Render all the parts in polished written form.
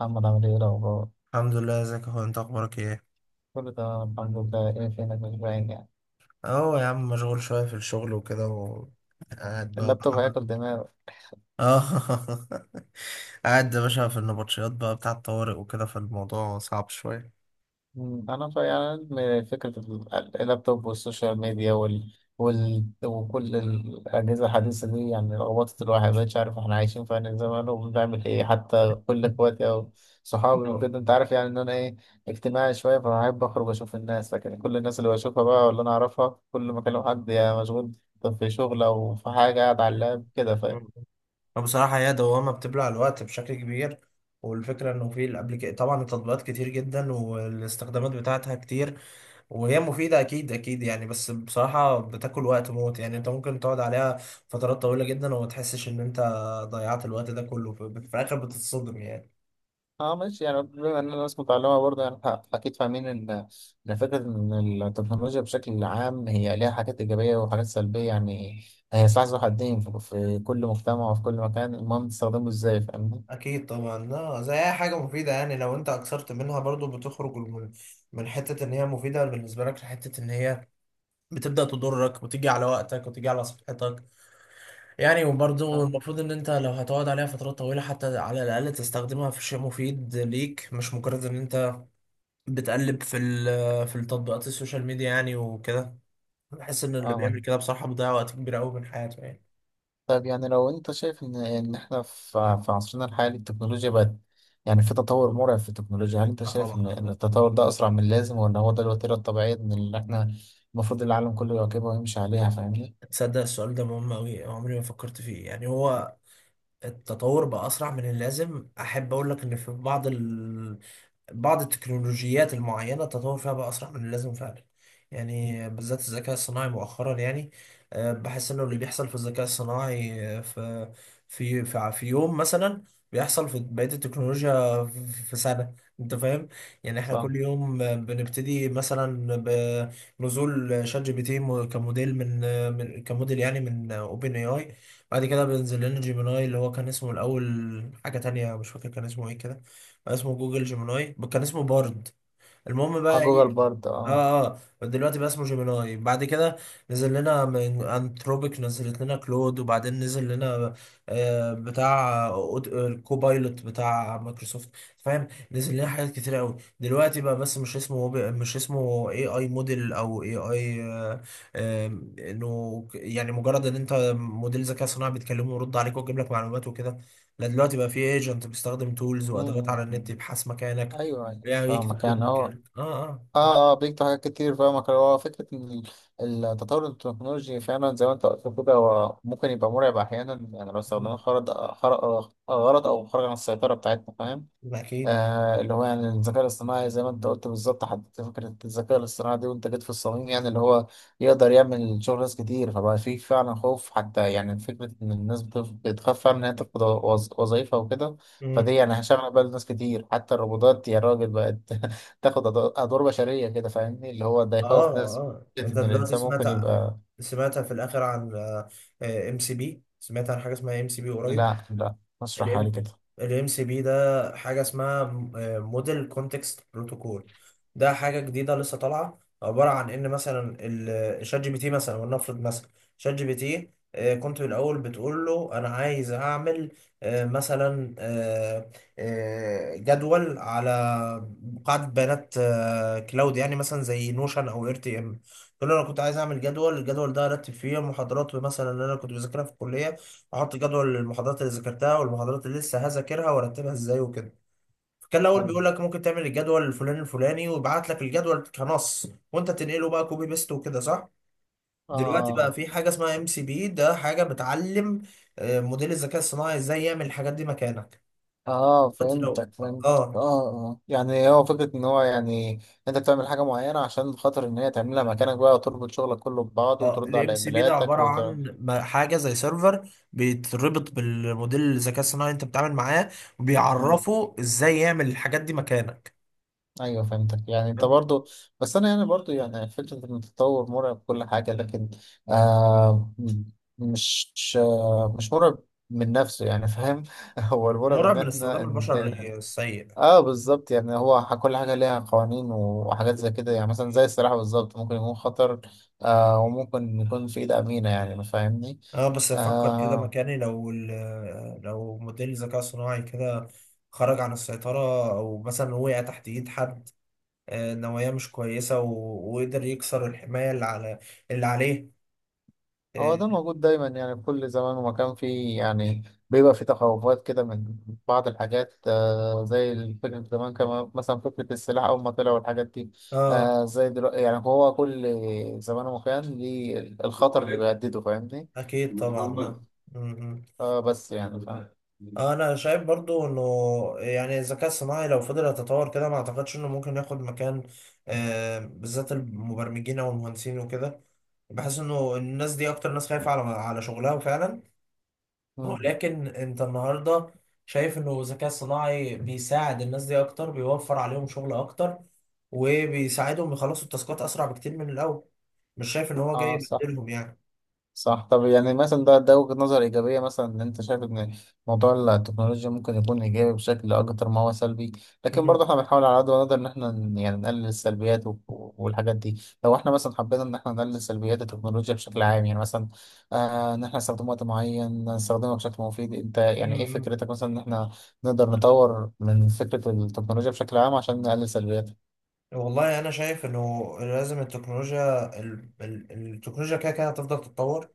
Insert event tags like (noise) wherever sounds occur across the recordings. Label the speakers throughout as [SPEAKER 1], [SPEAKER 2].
[SPEAKER 1] محمد، عامل ايه الأخبار؟
[SPEAKER 2] الحمد لله، ازيك يا اخويا؟ انت اخبارك ايه؟
[SPEAKER 1] كله تمام الحمد لله. ايه فينك؟ مش باين يعني.
[SPEAKER 2] اه يا عم، مشغول شويه في الشغل وكده وقاعد بقى
[SPEAKER 1] اللابتوب
[SPEAKER 2] بحاول.
[SPEAKER 1] هياكل دماغك.
[SPEAKER 2] اه (laughs) قاعد يا باشا في النبطشيات بقى بتاع الطوارئ وكده، فالموضوع صعب شويه.
[SPEAKER 1] أنا من فكرة اللابتوب والسوشيال ميديا وكل الأجهزة الحديثة دي يعني لخبطت الواحد، مبقتش عارف احنا عايشين في أنهي زمان وبنعمل ايه. حتى كل
[SPEAKER 2] (laughs)
[SPEAKER 1] اخواتي أو صحابي
[SPEAKER 2] اه.
[SPEAKER 1] وكده، أنت عارف يعني إن أنا ايه، اجتماعي شوية، فبحب أخرج أشوف الناس. لكن كل الناس اللي بشوفها بقى، واللي أنا أعرفها، كل ما أكلم حد، يا مشغول في شغل أو في حاجة، قاعد على اللاب كده.
[SPEAKER 2] فبصراحه هي دوامه بتبلع الوقت بشكل كبير. والفكره انه في الابليك طبعا التطبيقات كتير جدا والاستخدامات بتاعتها كتير. وهي مفيدة، أكيد أكيد يعني، بس بصراحة بتاكل وقت موت يعني. أنت ممكن تقعد عليها فترات طويلة جدا وما تحسش إن أنت ضيعت الوقت ده كله، في الآخر بتتصدم يعني.
[SPEAKER 1] اه ماشي. يعني بما ان الناس متعلمه برضه، يعني اكيد فاهمين ان فكره ان التكنولوجيا بشكل عام هي ليها حاجات ايجابيه وحاجات سلبيه. يعني هي سلاح ذو حدين في كل مجتمع وفي كل مكان. المهم تستخدمه ازاي، فاهمني؟
[SPEAKER 2] أكيد طبعا. لا، زي أي حاجة مفيدة يعني، لو أنت أكثرت منها برضو بتخرج من حتة إن هي مفيدة بالنسبة لك لحتة إن هي بتبدأ تضرك وتيجي على وقتك وتيجي على صحتك يعني. وبرضه
[SPEAKER 1] اه.
[SPEAKER 2] المفروض ان انت لو هتقعد عليها فترات طويلة، حتى على الاقل تستخدمها في شيء مفيد ليك، مش مجرد ان انت بتقلب في في التطبيقات السوشيال ميديا يعني وكده. بحس ان اللي
[SPEAKER 1] آه.
[SPEAKER 2] بيعمل كده بصراحة بيضيع وقت كبير قوي من حياته يعني.
[SPEAKER 1] طيب، يعني لو انت شايف ان احنا في عصرنا الحالي التكنولوجيا بقت يعني في تطور مرعب في التكنولوجيا، هل انت
[SPEAKER 2] اه
[SPEAKER 1] شايف ان
[SPEAKER 2] طبعا.
[SPEAKER 1] إن التطور ده اسرع من اللازم، ولا هو ده الوتيره الطبيعيه من اللي احنا المفروض العالم كله يواكبها ويمشي عليها، فاهمني؟
[SPEAKER 2] تصدق السؤال ده مهم أوي، عمري ما فكرت فيه. يعني هو التطور بقى أسرع من اللازم؟ أحب أقول لك إن في بعض التكنولوجيات المعينة التطور فيها بقى أسرع من اللازم فعلا يعني، بالذات الذكاء الصناعي مؤخرا يعني. بحس إنه اللي بيحصل في الذكاء الصناعي، في يوم مثلا بيحصل في بقية التكنولوجيا في سنة. أنت فاهم؟ يعني إحنا
[SPEAKER 1] صح.
[SPEAKER 2] كل يوم بنبتدي مثلا بنزول شات جي بي تي كموديل من كموديل يعني من أوبن أي أي. بعد كده بينزل لنا جيميناي اللي هو كان اسمه الأول حاجة تانية، مش فاكر كان اسمه إيه كده. اسمه جوجل جيميناي، كان اسمه بارد. المهم
[SPEAKER 1] ها،
[SPEAKER 2] بقى
[SPEAKER 1] جوجل
[SPEAKER 2] ايه.
[SPEAKER 1] برضه، اه.
[SPEAKER 2] اه اه، دلوقتي بقى اسمه جيميناي. بعد كده نزل لنا من انتروبيك، نزلت لنا كلود، وبعدين نزل لنا بتاع الكوبايلوت بتاع مايكروسوفت. فاهم، نزل لنا حاجات كتير قوي دلوقتي بقى، بس مش اسمه مش اسمه AI موديل او AI، انه يعني مجرد ان انت موديل ذكاء صناعي بتكلمه ويرد عليك ويجيب لك معلومات وكده. لا، دلوقتي بقى في ايجنت بيستخدم تولز وادوات على
[SPEAKER 1] مم.
[SPEAKER 2] النت يبحث مكانك،
[SPEAKER 1] ايوه ايوه،
[SPEAKER 2] يعني يكتب
[SPEAKER 1] فاهمك
[SPEAKER 2] كود
[SPEAKER 1] يعني هو.
[SPEAKER 2] مكانك. اه اه آه.
[SPEAKER 1] اه بيكتب حاجات كتير، فاهمك. هو فكره ان التطور التكنولوجي فعلا، زي ما انت قلت كده، هو ممكن يبقى مرعب احيانا، يعني لو استخدمناه خرط خرق غلط او خرج عن السيطره بتاعتنا، فاهم؟
[SPEAKER 2] ما أكيد.
[SPEAKER 1] آه، اللي هو يعني الذكاء الاصطناعي، زي ما انت قلت بالظبط، حددت فكرة الذكاء الاصطناعي دي وانت جيت في الصميم، يعني اللي هو يقدر يعمل شغل ناس كتير. فبقى في فعلا خوف، حتى يعني فكرة ان الناس بتخاف فعلا ان هي تفقد وظايفها وكده.
[SPEAKER 2] مم.
[SPEAKER 1] فدي يعني هشغل بال ناس كتير. حتى الروبوتات، يا راجل، بقت (laughs) تاخد ادوار بشرية كده، فاهمني؟ اللي هو ده
[SPEAKER 2] اه
[SPEAKER 1] يخوف ناس.
[SPEAKER 2] اه،
[SPEAKER 1] فكرة
[SPEAKER 2] انت
[SPEAKER 1] ان
[SPEAKER 2] دلوقتي
[SPEAKER 1] الانسان
[SPEAKER 2] سمعت
[SPEAKER 1] ممكن يبقى.
[SPEAKER 2] في الاخر عن MCP؟ سمعت عن حاجه اسمها MCP قريب؟
[SPEAKER 1] لا لا، مش حالي
[SPEAKER 2] الام
[SPEAKER 1] كده.
[SPEAKER 2] الام سي بي ده حاجه اسمها موديل كونتكست بروتوكول. ده حاجه جديده لسه طالعه، عباره عن ان مثلا الشات جي بي تي مثلا، ولنفرض مثلا شات جي بي تي، كنت الاول بتقول له انا عايز اعمل آه، مثلا آه، آه، جدول على قاعده بيانات كلاود يعني، مثلا زي نوشن او RTM. تقول له انا كنت عايز اعمل جدول، الجدول ده ارتب فيه المحاضرات مثلا اللي انا كنت بذاكرها في الكليه، احط جدول المحاضرات اللي ذاكرتها والمحاضرات اللي لسه هذاكرها وارتبها ازاي وكده. فكان الاول بيقول لك ممكن تعمل الجدول الفلاني الفلاني ويبعت لك الجدول كنص، وانت تنقله بقى كوبي بيست وكده، صح؟ دلوقتي
[SPEAKER 1] آه،
[SPEAKER 2] بقى في حاجه اسمها MCP، ده حاجه بتعلم موديل الذكاء الصناعي ازاي يعمل الحاجات دي مكانك.
[SPEAKER 1] اه،
[SPEAKER 2] دلوقتي لو
[SPEAKER 1] فهمتك فهمت اه.
[SPEAKER 2] اه
[SPEAKER 1] اه يعني هو فكرة ان هو يعني، انت بتعمل حاجة معينة عشان خاطر ان هي تعملها مكانك بقى، وتربط شغلك كله ببعضه
[SPEAKER 2] اه
[SPEAKER 1] وترد على
[SPEAKER 2] الام سي بي ده
[SPEAKER 1] ايميلاتك
[SPEAKER 2] عباره
[SPEAKER 1] وت...
[SPEAKER 2] عن حاجه زي سيرفر بيتربط بالموديل الذكاء الصناعي اللي انت بتتعامل معاه،
[SPEAKER 1] مم.
[SPEAKER 2] وبيعرفه ازاي يعمل الحاجات دي مكانك.
[SPEAKER 1] ايوه، فهمتك يعني انت برضو. بس انا يعني برضو، يعني فكرة ان التطور مرعب كل حاجة. لكن آه م- مش مش مرعب من نفسه، يعني فاهم؟ (laughs) هو المرعب
[SPEAKER 2] مرعب
[SPEAKER 1] ان
[SPEAKER 2] من
[SPEAKER 1] احنا
[SPEAKER 2] استخدام البشر للسيء.
[SPEAKER 1] اه بالظبط. يعني هو كل حاجة ليها قوانين وحاجات زي كده، يعني مثلا زي السلاح بالظبط، ممكن يكون خطر آه، وممكن يكون في إيد أمينة، يعني ما فاهمني؟
[SPEAKER 2] اه، بس افكر كده
[SPEAKER 1] آه.
[SPEAKER 2] مكاني، لو موديل ذكاء صناعي كده خرج عن السيطرة او مثلا وقع تحت ايد حد نوايا مش كويسة، وقدر يكسر الحماية اللي على اللي عليه.
[SPEAKER 1] هو
[SPEAKER 2] اه
[SPEAKER 1] ده موجود دايما، يعني في كل زمان ومكان فيه، يعني بيبقى فيه تخوفات كده من بعض الحاجات. آه، زي فكرة زمان كمان، مثلا فكرة السلاح أول ما طلع والحاجات دي.
[SPEAKER 2] آه،
[SPEAKER 1] آه، زي دلوقتي. يعني هو كل زمان ومكان ليه الخطر اللي بيهدده، فاهمني؟
[SPEAKER 2] اكيد طبعا. اه م- م.
[SPEAKER 1] آه، بس يعني فاهم.
[SPEAKER 2] انا شايف برضو انه يعني الذكاء الصناعي لو فضل يتطور كده، ما اعتقدش انه ممكن ياخد مكان بالذات المبرمجين او المهندسين وكده. بحس انه الناس دي اكتر ناس خايفة على شغلها فعلا.
[SPEAKER 1] مم.
[SPEAKER 2] ولكن انت النهاردة شايف انه الذكاء الصناعي بيساعد الناس دي اكتر، بيوفر عليهم شغل اكتر وبيساعدهم يخلصوا التاسكات اسرع بكتير من الاول. مش شايف ان هو جاي
[SPEAKER 1] اه صح.
[SPEAKER 2] يبدلهم يعني.
[SPEAKER 1] صح. طب يعني مثلا ده وجهة نظر إيجابية، مثلا إن أنت شايف إن موضوع التكنولوجيا ممكن يكون إيجابي بشكل أكتر ما هو سلبي. لكن
[SPEAKER 2] مم.
[SPEAKER 1] برضه إحنا بنحاول على قد ما نقدر إن إحنا يعني نقلل السلبيات والحاجات دي. لو إحنا مثلا حبينا إن إحنا نقلل سلبيات التكنولوجيا بشكل عام، يعني مثلا آه إن إحنا نستخدمه وقت معين، نستخدمه بشكل مفيد. أنت يعني إيه
[SPEAKER 2] مم.
[SPEAKER 1] فكرتك مثلا إن إحنا نقدر نطور من فكرة التكنولوجيا بشكل عام عشان نقلل سلبياتها
[SPEAKER 2] والله انا شايف انه لازم التكنولوجيا، التكنولوجيا كده كده هتفضل تتطور.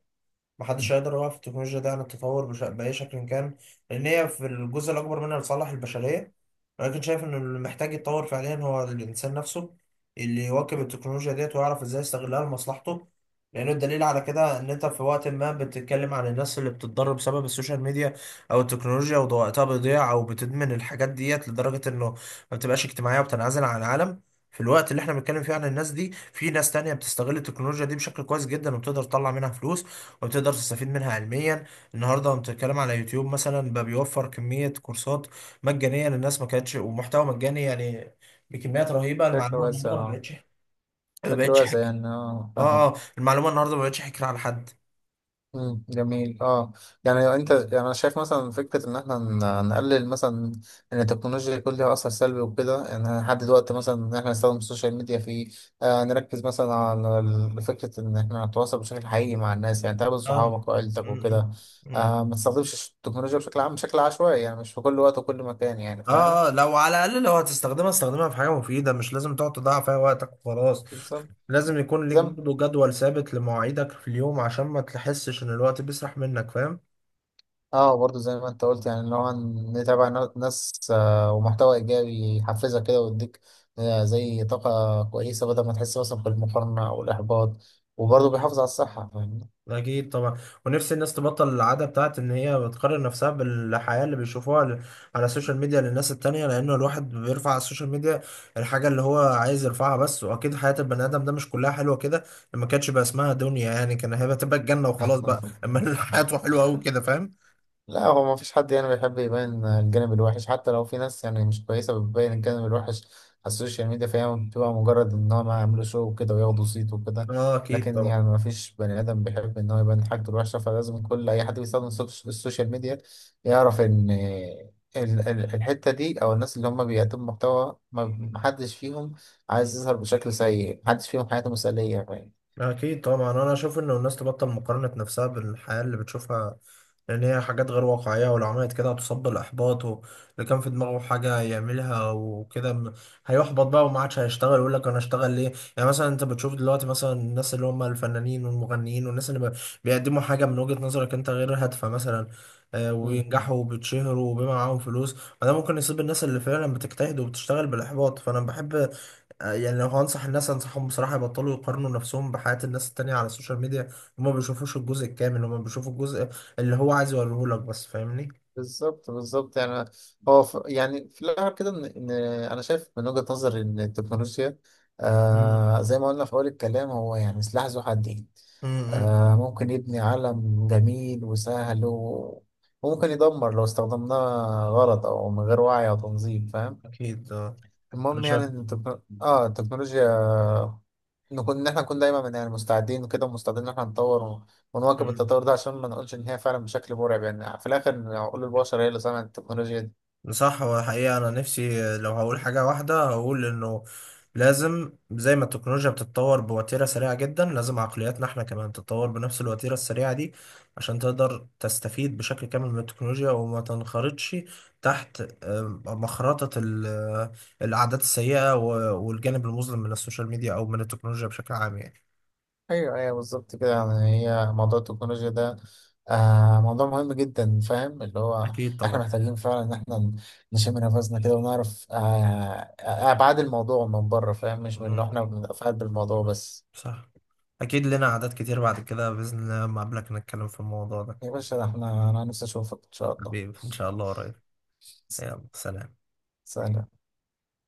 [SPEAKER 2] محدش هيقدر يوقف التكنولوجيا دي عن التطور بأي شكل كان، لأن هي في الجزء الأكبر منها لصالح البشرية. ولكن شايف إن اللي محتاج يتطور فعليا هو الإنسان نفسه، اللي يواكب التكنولوجيا ديت ويعرف إزاي يستغلها لمصلحته. لأنه الدليل على كده إن أنت في وقت ما بتتكلم عن الناس اللي بتتضرر بسبب السوشيال ميديا أو التكنولوجيا وده وقتها بيضيع، أو بتدمن الحاجات ديت لدرجة إنه ما بتبقاش اجتماعية وبتنعزل عن العالم. في الوقت اللي احنا بنتكلم فيه عن الناس دي، في ناس تانية بتستغل التكنولوجيا دي بشكل كويس جدا وبتقدر تطلع منها فلوس او تقدر تستفيد منها علميا. النهارده انت بتتكلم على يوتيوب مثلا، بقى بيوفر كميه كورسات مجانيه للناس ما كانتش، ومحتوى مجاني يعني بكميات رهيبه.
[SPEAKER 1] بشكل
[SPEAKER 2] المعلومه
[SPEAKER 1] واسع؟
[SPEAKER 2] النهارده ما
[SPEAKER 1] آه،
[SPEAKER 2] بقتش، ما
[SPEAKER 1] بشكل
[SPEAKER 2] بقتش
[SPEAKER 1] واسع،
[SPEAKER 2] حكر.
[SPEAKER 1] يعني آه،
[SPEAKER 2] اه
[SPEAKER 1] فاهمك.
[SPEAKER 2] اه، المعلومه النهارده ما بقتش حكر على حد.
[SPEAKER 1] مم، جميل. اه، يعني انت يعني انا شايف مثلا فكره ان احنا نقلل مثلا ان التكنولوجيا يكون ليها اثر سلبي وكده، يعني نحدد وقت مثلا ان احنا نستخدم السوشيال ميديا فيه. آه، نركز مثلا على فكره ان احنا نتواصل بشكل حقيقي مع الناس، يعني تقابل
[SPEAKER 2] اه
[SPEAKER 1] صحابك وعيلتك
[SPEAKER 2] م- م-
[SPEAKER 1] وكده.
[SPEAKER 2] م.
[SPEAKER 1] آه، ما تستخدمش التكنولوجيا بشكل عام بشكل عشوائي، يعني مش في كل وقت وكل مكان، يعني فاهم؟
[SPEAKER 2] اه لو على الاقل لو هتستخدمها استخدمها في حاجه مفيده، مش لازم تقعد تضيع فيها وقتك وخلاص.
[SPEAKER 1] بالظبط،
[SPEAKER 2] لازم يكون ليك
[SPEAKER 1] زي ما
[SPEAKER 2] برضه جدول ثابت لمواعيدك في اليوم عشان ما تحسش ان الوقت بيسرح منك.
[SPEAKER 1] اه، برضو زي ما انت قلت يعني، اللي هو نتابع ناس ومحتوى ايجابي يحفزك كده ويديك زي طاقة كويسة، بدل ما تحس مثلا بالمقارنة او الاحباط. وبرضو بيحافظ
[SPEAKER 2] فاهم.
[SPEAKER 1] على الصحة، فاهمني؟
[SPEAKER 2] أكيد طبعا. ونفسي الناس تبطل العادة بتاعت إن هي بتقارن نفسها بالحياة اللي بيشوفوها على السوشيال ميديا للناس التانية، لأنه الواحد بيرفع على السوشيال ميديا الحاجة اللي هو عايز يرفعها بس. وأكيد حياة البني آدم ده مش كلها حلوة كده، ما كانتش بقى اسمها دنيا يعني. كان هيبقى الجنة وخلاص بقى، أما (laughs)
[SPEAKER 1] (laughs)
[SPEAKER 2] حياته حلوة أوي كده، فاهم؟
[SPEAKER 1] لا، هو ما فيش حد يعني بيحب يبين الجانب الوحش، حتى لو في ناس يعني مش كويسة بتبين الجانب الوحش على السوشيال ميديا، فهي بتبقى مجرد ان هم يعملوا شو وكده وياخدوا صيت وكده.
[SPEAKER 2] أه أكيد
[SPEAKER 1] لكن
[SPEAKER 2] طبعا.
[SPEAKER 1] يعني ما فيش بني ادم بيحب ان هو يبين حاجته الوحشة. فلازم كل اي حد بيستخدم السوشيال ميديا يعرف ان الحتة دي او الناس اللي هم بيقدموا محتوى ما حدش فيهم عايز يظهر بشكل سيء. محدش فيهم حياته مثالية،
[SPEAKER 2] أكيد طبعا، أنا أشوف إنه الناس تبطل مقارنة نفسها بالحياة اللي بتشوفها، لأن هي حاجات غير واقعية، ولو عملت كده هتصاب بالإحباط. واللي كان في دماغه حاجة يعملها وكده هيحبط بقى وما عادش هيشتغل، ويقول لك أنا أشتغل ليه؟ يعني مثلا أنت بتشوف دلوقتي مثلا الناس اللي هم الفنانين والمغنيين والناس اللي بيقدموا حاجة من وجهة نظرك أنت غير هادفة مثلا،
[SPEAKER 1] فاهم؟
[SPEAKER 2] وينجحوا وبيتشهروا وبيبقى معاهم فلوس، فده ممكن يصيب الناس اللي فعلا بتجتهد وبتشتغل بالإحباط. فأنا بحب يعني لو هنصح الناس انصحهم بصراحة يبطلوا يقارنوا نفسهم بحياة الناس التانية على السوشيال ميديا. هما ما بيشوفوش الجزء الكامل، هما بيشوفوا الجزء اللي هو عايز يوريه لك بس، فاهمني؟
[SPEAKER 1] بالظبط بالظبط. يعني هو يعني في الاخر كده إن انا شايف من وجهة نظري ان التكنولوجيا،
[SPEAKER 2] مم.
[SPEAKER 1] آه زي ما قلنا في اول الكلام، هو يعني سلاح ذو حدين.
[SPEAKER 2] امم.
[SPEAKER 1] آه، ممكن يبني عالم جميل وسهل و... وممكن يدمر لو استخدمناه غلط او من غير وعي او تنظيم، فاهم؟
[SPEAKER 2] اكيد آه. انا
[SPEAKER 1] المهم يعني ان التكنولوجيا، إن إحنا نكون دايما يعني مستعدين وكده، ومستعدين إن إحنا نطور
[SPEAKER 2] شايف.
[SPEAKER 1] ونواكب التطور ده، عشان ما نقولش إن هي فعلا بشكل مرعب. يعني في الآخر عقول البشر هي اللي صنعت التكنولوجيا دي.
[SPEAKER 2] صح، هو حقيقة أنا نفسي لو هقول حاجة واحدة هقول إنه لازم زي ما التكنولوجيا بتتطور بوتيرة سريعة جدا، لازم عقلياتنا إحنا كمان تتطور بنفس الوتيرة السريعة دي عشان تقدر تستفيد بشكل كامل من التكنولوجيا، وما تنخرطش تحت مخرطة العادات السيئة والجانب المظلم من السوشيال ميديا أو من التكنولوجيا بشكل عام يعني.
[SPEAKER 1] أيوه أيوه، بالظبط كده يعني. هي موضوع التكنولوجيا ده آه، موضوع مهم جدا، فاهم؟ اللي هو
[SPEAKER 2] أكيد
[SPEAKER 1] إحنا
[SPEAKER 2] طبعا.
[SPEAKER 1] محتاجين فعلا إن إحنا نشم نفسنا كده ونعرف أبعاد الموضوع من بره، فاهم؟
[SPEAKER 2] (laughs)
[SPEAKER 1] مش من
[SPEAKER 2] مهم.
[SPEAKER 1] اللي إحنا بنتفاعل بالموضوع بس.
[SPEAKER 2] صح. أكيد لنا عادات كتير بعد كده بإذن الله لما أقابلك نتكلم في الموضوع ده.
[SPEAKER 1] يا باشا، ده إحنا، أنا نفسي أشوفك إن شاء الله.
[SPEAKER 2] حبيبي إن شاء الله قريب. يلا سلام.
[SPEAKER 1] سلام.